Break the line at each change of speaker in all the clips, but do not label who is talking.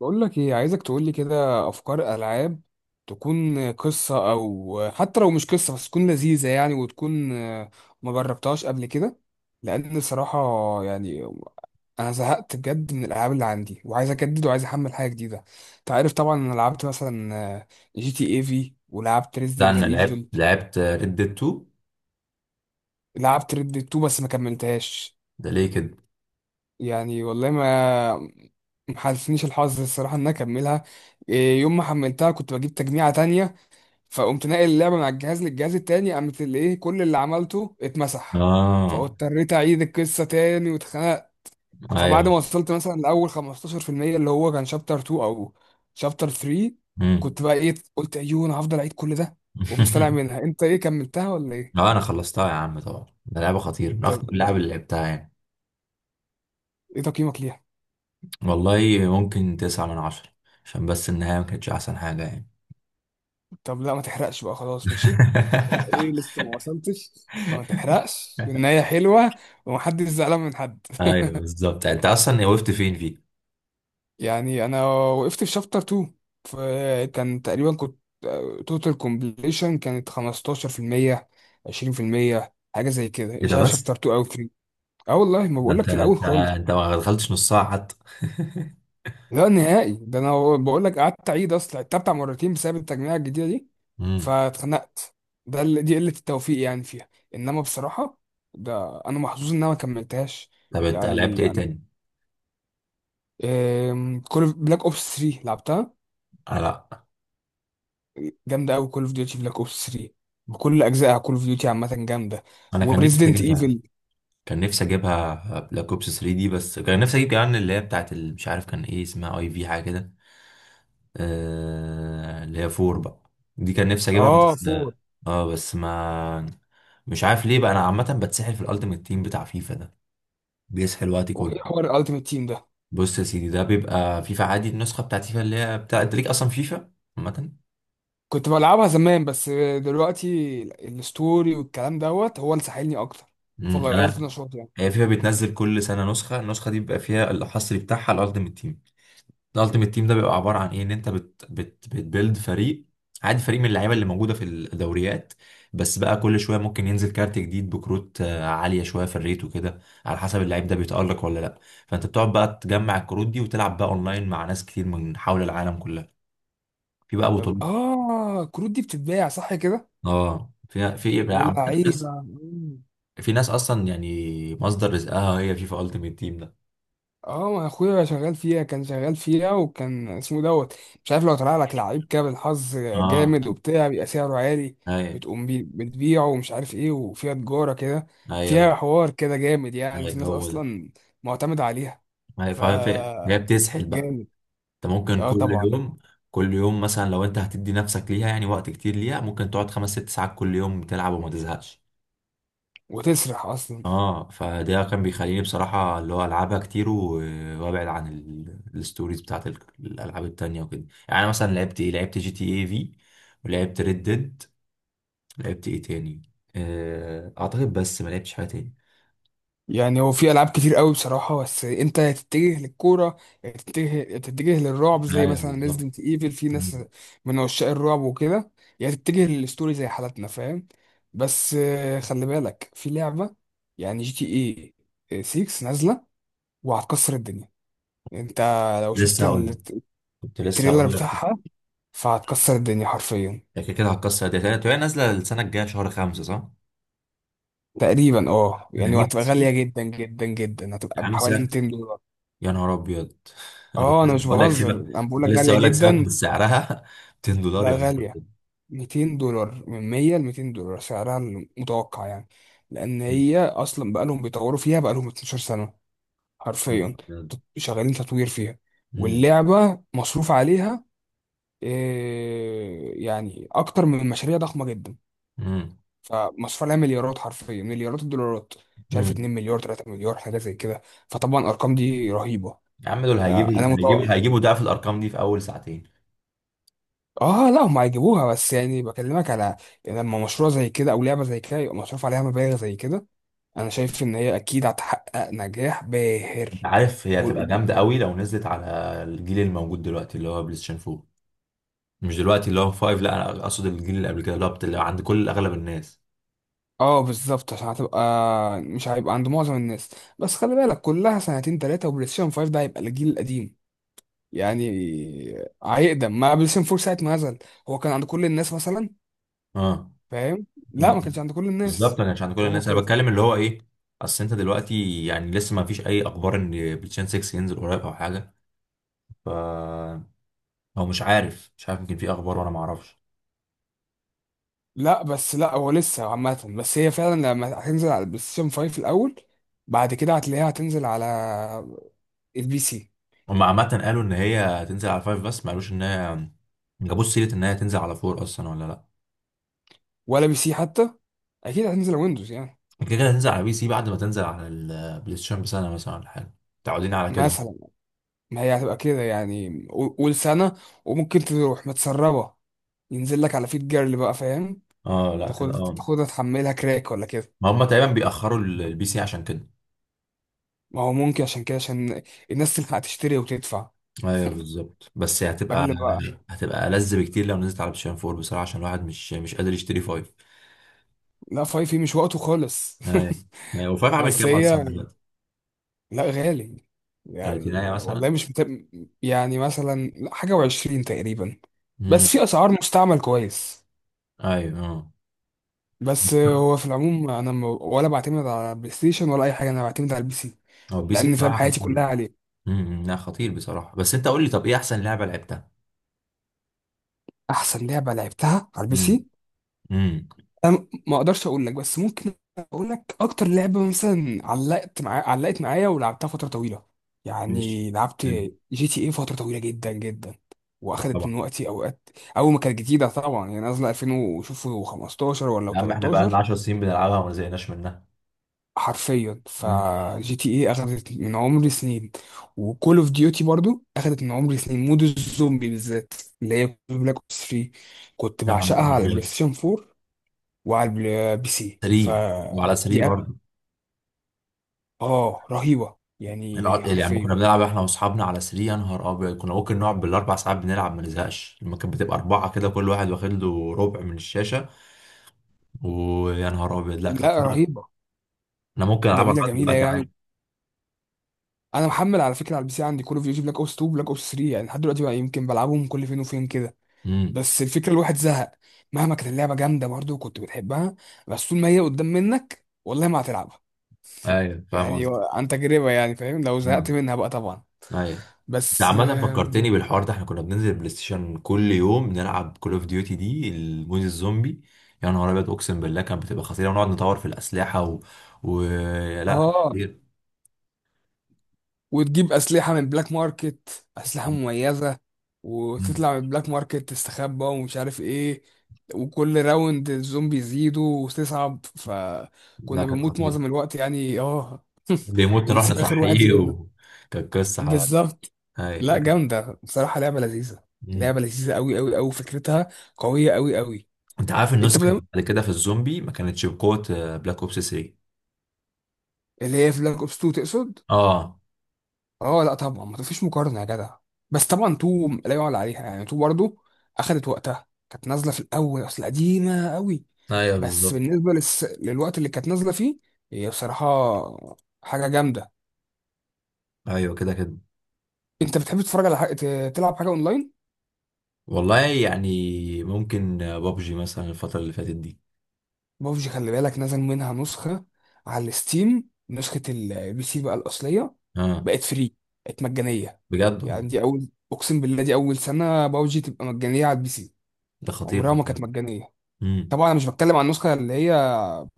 بقول لك ايه، عايزك تقول لي كده افكار العاب تكون قصه، او حتى لو مش قصه بس تكون لذيذه وتكون ما جربتهاش قبل كده. لان صراحه، يعني انا زهقت بجد من الالعاب اللي عندي وعايز اجدد وعايز احمل حاجه جديده. انت عارف طبعا انا لعبت مثلا جي تي اي في ولعبت
ده
ريزيدنت
انا لعبت
ايفل.
لعبت ريد ديد 2.
لعبت ريد 2 بس ما كملتهاش.
ده ليه كده؟
والله ما محالفنيش الحظ الصراحه ان انا اكملها. يوم ما حملتها كنت بجيب تجميعة تانية، فقمت ناقل اللعبه من على الجهاز للجهاز التاني، قامت اللي ايه، كل اللي عملته اتمسح.
اه.
فاضطريت اعيد القصه تاني واتخنقت. فبعد
ايوه.
ما وصلت مثلا لاول 15%، اللي هو كان شابتر 2 او شابتر 3،
امم.
كنت بقى ايه، قلت ايوه انا هفضل اعيد كل ده؟ وقمت طالع منها. انت ايه، كملتها ولا ايه؟
اه، انا خلصتها يا عم، طبعا ده لعبه خطيره، من اخطر
طب ايه،
اللعب اللي لعبتها يعني.
ايه تقييمك ليها؟
والله ممكن تسعة من عشرة، عشان بس النهايه ما كانتش احسن حاجه يعني.
طب لا ما تحرقش بقى، خلاص ماشي. طب ايه، لسه ما وصلتش، ما تحرقش النهايه حلوه ومحدش زعلان من حد.
ايوه، بالظبط. انت اصلا وقفت فين فيه؟
انا وقفت في شابتر 2، فكان تقريبا كنت توتال كومبليشن كانت 15% 20%، حاجه زي كده،
ايه
مش
ده
عارف شابتر
بس؟
2 او 3. اه والله، ما
ده
بقول
انت
لك، في الاول
انت
خالص.
انت ما دخلتش نص ساعه حتى.
لا نهائي، ده انا بقول لك قعدت اعيد، اصلا عدتها بتاع مرتين بسبب التجميع الجديده دي.
امم
فاتخنقت. ده اللي دي قله التوفيق فيها، انما بصراحه، ده انا محظوظ ان انا ما كملتهاش.
طب انت لعبت ايه
انا
تاني؟
كل بلاك اوبس 3 لعبتها،
آه لا.
جامده قوي. كول اوف ديوتي بلاك اوبس 3 بكل اجزائها، كول اوف ديوتي عامه جامده.
انا كان نفسي
وريزيدنت
اجيبها،
ايفل.
كان نفسي اجيبها بلاك اوبس 3 دي، بس كان نفسي اجيب كمان اللي هي بتاعت مش عارف كان ايه اسمها، اي في حاجه كده. اللي هي 4 بقى، دي كان نفسي اجيبها
اه
بس.
4.
اه بس ما... مش عارف ليه بقى، انا عامه بتسحل في الالتيميت تيم بتاع فيفا ده، بيسحل وقتي
وايه
كله.
حوار الالتيميت تيم ده؟
بص يا سيدي، ده بيبقى فيفا عادي، النسخه بتاعت فيفا اللي هي بتاع انت ليك اصلا فيفا عامه.
كنت بلعبها زمان، بس دلوقتي الستوري والكلام دوت هو اللي ساحلني اكتر. فغيرت
انا،
نشاطي
هي فيفا بتنزل كل سنه نسخه، النسخه دي بيبقى فيها الحصري بتاعها الالتيميت تيم. الالتيميت تيم ده بيبقى عباره عن ايه؟ ان انت بت بت بتبيلد فريق، عادي فريق من اللعيبه اللي موجوده في الدوريات، بس بقى كل شويه ممكن ينزل كارت جديد، بكروت عاليه شويه في الريت وكده، على حسب اللعيب ده بيتالق ولا لا. فانت بتقعد بقى تجمع الكروت دي، وتلعب بقى اونلاين مع ناس كتير من حول العالم كلها، في بقى
طب
بطولات.
اه، كروت دي بتتباع صح كده؟
اه، في ايه بقى عامه. ناس،
واللعيبه.
في ناس اصلا يعني مصدر رزقها هي فيفا التيميت تيم ده.
اه، ما اخويا شغال فيها، كان شغال فيها، وكان اسمه دوت، مش عارف، لو طلع لك لعيب كده بالحظ
اه،
جامد وبتاع، بيبقى سعره عالي.
ايوه،
بتبيعه ومش عارف ايه، وفيها تجارة كده.
ايوه،
فيها حوار كده جامد، في
ايوه،
ناس
هو ده،
اصلا معتمدة عليها.
ايوه.
ف
فهي بتسحل بقى.
جامد.
انت ممكن
اه
كل
طبعا.
يوم، كل يوم مثلا لو انت هتدي نفسك ليها يعني وقت كتير ليها، ممكن تقعد خمس ست ساعات كل يوم بتلعب وما تزهقش.
وتسرح اصلا.
اه، فده كان بيخليني بصراحة اللي هو العبها كتير وابعد عن الستوريز بتاعت الالعاب التانية وكده، يعني أنا مثلا لعبت جي تي اي في، ولعبت ريد ديد، لعبت ايه تاني؟ اعتقد بس ما لعبتش حاجة تاني.
هو في العاب كتير قوي بصراحه، بس انت يا تتجه للكوره، يا تتجه للرعب زي
ايوه،
مثلا
بالظبط.
ريزدنت ايفل، في ناس
مم.
من عشاق الرعب وكده، يا تتجه للستوري زي حالتنا، فاهم. بس خلي بالك، في لعبه جي تي اي 6 نازله، وهتكسر الدنيا. انت لو شفت
لسه هقول لك، كنت لسه
التريلر
هقول لك.
بتاعها، فهتكسر الدنيا حرفيا.
هي كده كده هتكسر الداتا، وهي نازلة السنة الجاية شهر خمسة، صح؟
تقريبا اه،
انا
وهتبقى
نفسي،
غاليه جدا جدا جدا،
يا
هتبقى
عم،
بحوالي 200 دولار.
يا نهار ابيض! انا كنت
اه انا
لسه
مش
بقول لك بجد
بهزر،
سيبك،
انا بقول
كنت
لك
لسه
غاليه
بقول لك سيبك من
جدا.
سعرها، $200،
لا
يا نهار
غالية،
ابيض!
200 دولار، من 100 ل 200 دولار سعرها المتوقع لأن هي أصلا بقالهم بيطوروا فيها، بقالهم 12 سنة حرفيا. شغالين تطوير فيها.
أمم،
واللعبة مصروف عليها، أكتر من مشاريع ضخمة جدا.
أمم،
فمصروف عليها مليارات، حرفيا مليارات الدولارات. مش عارف،
أمم.
2 مليار 3 مليار حاجة زي كده. فطبعا الأرقام دي رهيبة.
يا عم دول هيجيبوا،
فأنا
هيجيبوا
متوقع.
هيجيبوا ضعف الارقام دي في اول ساعتين.
اه لا، هم هيجيبوها، بس بكلمك على، لما مشروع زي كده او لعبه زي كده يبقى مصروف عليها مبالغ زي كده، انا شايف ان هي اكيد هتحقق نجاح
انت
باهر.
عارف هي هتبقى
والأم-
جامده قوي لو نزلت على الجيل الموجود دلوقتي، اللي هو بلاي ستيشن 4، مش دلوقتي اللي هو 5، لا انا اقصد الجيل اللي قبل كده، اللي هو اللي عند كل اغلب الناس.
اه بالظبط، عشان هتبقى، مش هيبقى عند معظم الناس. بس خلي بالك، كلها سنتين ثلاثه وبلاي ستيشن 5 ده هيبقى الجيل القديم. يعني هيقدم ما بلاي ستيشن 4 ساعه ما نزل، هو كان عند كل الناس مثلا،
اه.
فاهم؟ لا ما كانش
أمم.
عند كل
بالظبط،
الناس.
انا مش عند كل
هو
الناس، انا
كده.
بتكلم اللي هو ايه. اصل انت دلوقتي يعني لسه ما فيش اي اخبار ان بلاي ستيشن 6 ينزل قريب او حاجه، ف، هو مش عارف، مش عارف، يمكن في اخبار وانا ما اعرفش.
لا بس، لا هو لسه عامة، بس هي فعلا لما هتنزل على البلاي ستيشن 5 الأول، بعد كده هتلاقيها هتنزل على البي سي.
هم عامه قالوا ان هي هتنزل على فايف، بس ما قالوش ان هي ما جابوش سيره ان هي تنزل على فور اصلا ولا لا.
ولا بي سي حتى، أكيد هتنزل على ويندوز
كده كده هتنزل على بي سي بعد ما تنزل على البلاي ستيشن بسنه مثلا ولا حاجه، متعودين على كده.
مثلا، ما هي هتبقى كده، قول سنة وممكن تروح متسربة، ينزل لك على فيت جيرل بقى، فاهم؟
اه، لا كده، اه.
تاخدها تحملها كراك ولا كده.
ما هم تقريبا بيأخروا البي سي عشان كده.
ما هو ممكن عشان كده، عشان الناس تلحق تشتري وتدفع
ايوه، بالظبط، بس هتبقى
قبل بقى.
هتبقى ألذ بكتير لو نزلت على بلاي ستيشن 4 بصراحه، عشان الواحد مش قادر يشتري فايف.
لا فايف مش وقته خالص.
ايوه، ايوه، وفايف عامل
بس
كام اصلا
هي،
دلوقتي؟
لا غالي.
تلاتينية
والله
مثلا.
مش مثلا لا، حاجة وعشرين تقريبا.
امم.
بس في أسعار مستعمل كويس.
ايوه، اه.
بس هو في العموم، أنا ولا بعتمد على البلاي ستيشن ولا أي حاجة، أنا بعتمد على البي سي.
هو بي سي
لأن، فاهم،
بصراحة
حياتي
خطير.
كلها عليه.
امم، لا، خطير بصراحة، بس انت قول لي، طب ايه احسن لعبة لعبتها؟
أحسن لعبة لعبتها على البي
امم.
سي،
امم.
انا ما اقدرش اقول لك، بس ممكن اقول لك اكتر لعبه مثلا علقت معايا ولعبتها فتره طويله.
ماشي.
لعبت
حلو.
جي تي اي فتره طويله جدا جدا، واخدت
طبعا.
من وقتي اوقات. اول ما كانت جديده طبعا، نازله 2000 وشوفوا، 15 ولا
يا عم احنا بقى لنا
13،
10 سنين بنلعبها وما زهقناش منها.
حرفيا.
مم.
فجي تي اي اخدت من عمري سنين. وكول اوف ديوتي برضو اخدت من عمري سنين، مود الزومبي بالذات، اللي هي بلاك اوبس 3. كنت
يا
بعشقها
نهار
على البلاي
ابيض!
ستيشن 4 وعلى بي سي.
سري. وعلى سري برضه.
اه رهيبه،
يعني كنا
حرفيا.
بنلعب احنا واصحابنا على سري، يا نهار ابيض كنا ممكن نقعد بالاربع ساعات بنلعب ما نزهقش، لما كانت بتبقى اربعة كده كل واحد واخد له ربع من الشاشة. ويا نهار ابيض، لا
لا
خطير.
رهيبه.
انا ممكن العبها
جميله
لغاية
جميله
دلوقتي عادي.
انا محمل على فكره على البي سي عندي كول اوف ديوتي بلاك اوبس 2 بلاك اوبس 3، لحد دلوقتي بقى يمكن بلعبهم كل فين وفين كده.
امم.
بس الفكره، الواحد زهق. مهما كانت اللعبه جامده برضه وكنت بتحبها، بس طول ما هي قدام منك والله ما هتلعبها.
ايوه، فاهم
يعني
قصدي.
عن تجربه، فاهم، لو زهقت
مم.
منها بقى طبعا.
ايوه. ده
بس
عامة فكرتني بالحوار ده، احنا كنا بننزل بلاي ستيشن كل يوم نلعب كول اوف ديوتي، دي المود الزومبي. يا نهار ابيض، اقسم بالله كانت بتبقى خطيرة، ونقعد نطور في الأسلحة و... لا، كانت
اه.
خطيرة.
وتجيب أسلحة من بلاك ماركت، أسلحة مميزة،
مم.
وتطلع من البلاك ماركت تستخبى ومش عارف ايه. وكل راوند الزومبي يزيدوا وتصعب،
لا،
فكنا
كانت
بنموت
خطيرة.
معظم الوقت، اه.
بيموت، نروح
ونسيب آخر واحد
نصحيه،
زميلنا.
و... كانت قصة
بالظبط.
هاي،
لا
لكن.
جامدة بصراحة، لعبة لذيذة.
مم.
أوي أوي أوي. فكرتها قوية أوي أوي.
انت عارف
أنت
النسخة
بدأ...
بعد كده في الزومبي ما كانتش بقوة بلاك اوبس 3.
اللي هي في بلاك أوبس 2 تقصد؟
اه.
اه لا طبعا، ما فيش مقارنه يا جدع. بس طبعا تو لا يعلى عليها. تو برضو اخدت وقتها، كانت نازله في الاول، اصل قديمه قوي.
ايوه،
بس
بالظبط.
بالنسبه للوقت اللي كانت نازله فيه، هي بصراحه حاجه جامده.
ايوه، كده كده.
انت بتحب تتفرج على تلعب حاجه اونلاين؟
والله يعني ممكن بابجي مثلا الفترة اللي فاتت دي.
ببجي خلي بالك، نزل منها نسخه على الستيم، نسخه البي سي بقى الاصليه،
اه،
بقت فري، بقت مجانيه.
بجد والله؟
دي اول، اقسم بالله دي اول سنه ببجي تبقى مجانيه على البي سي،
ده خطير.
عمرها ما كانت مجانيه.
امم.
طبعا انا مش بتكلم عن النسخه اللي هي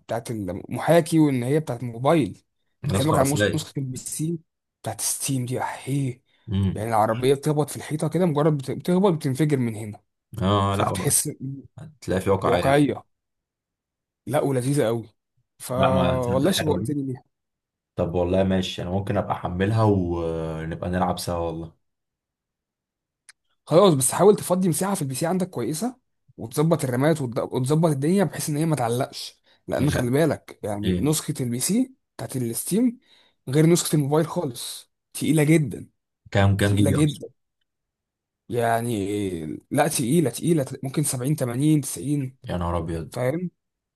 بتاعت المحاكي وان هي بتاعت الموبايل، بكلمك
الاسقر
عن
اصليه.
نسخه البي سي بتاعت ستيم دي احيه.
امم.
العربيه بتخبط في الحيطه كده، مجرد بتخبط بتنفجر من هنا.
اه لا بقى.
فبتحس،
هتلاقي في واقعيه بقى.
واقعيه. لا ولذيذه قوي. فا
لا، ما تصدق،
والله
حلوه دي.
شوقتني ليها.
طب والله ماشي، انا ممكن ابقى احملها ونبقى نلعب سوا والله.
خلاص، بس حاول تفضي مساحه في البي سي عندك كويسه، وتظبط الرامات وتظبط الدنيا بحيث ان هي ما تعلقش. لان
هي،
خلي بالك،
ايه،
نسخه البي سي بتاعت الستيم غير نسخه الموبايل خالص، تقيله جدا.
كام
تقيلة
جيجا اصلا؟
جدا، يعني لا تقيلة، ممكن 70 80 90،
يا نهار ابيض!
فاهم؟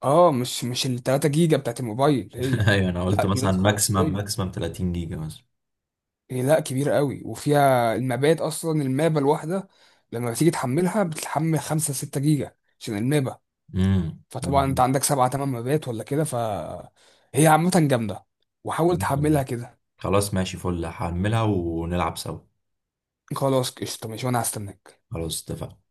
اه مش ال 3 جيجا بتاعت الموبايل هي.
ايوه، انا قلت
لا دي
مثلا
نسخة
ماكسيمم
أصلية
ماكسيمم 30 جيجا مثلا.
هي، لا كبيرة قوي، وفيها المابات، أصلا المابة الواحدة لما بتيجي تحملها بتحمل 5 6 جيجا عشان المابة.
امم.
فطبعا أنت عندك 7 8 مابات ولا كده، فهي عامة جامدة. وحاول تحملها كده.
خلاص ماشي، فل هحملها ونلعب سوا.
خلاص قشطة ماشي، وأنا هستناك.
خلاص، اتفقنا.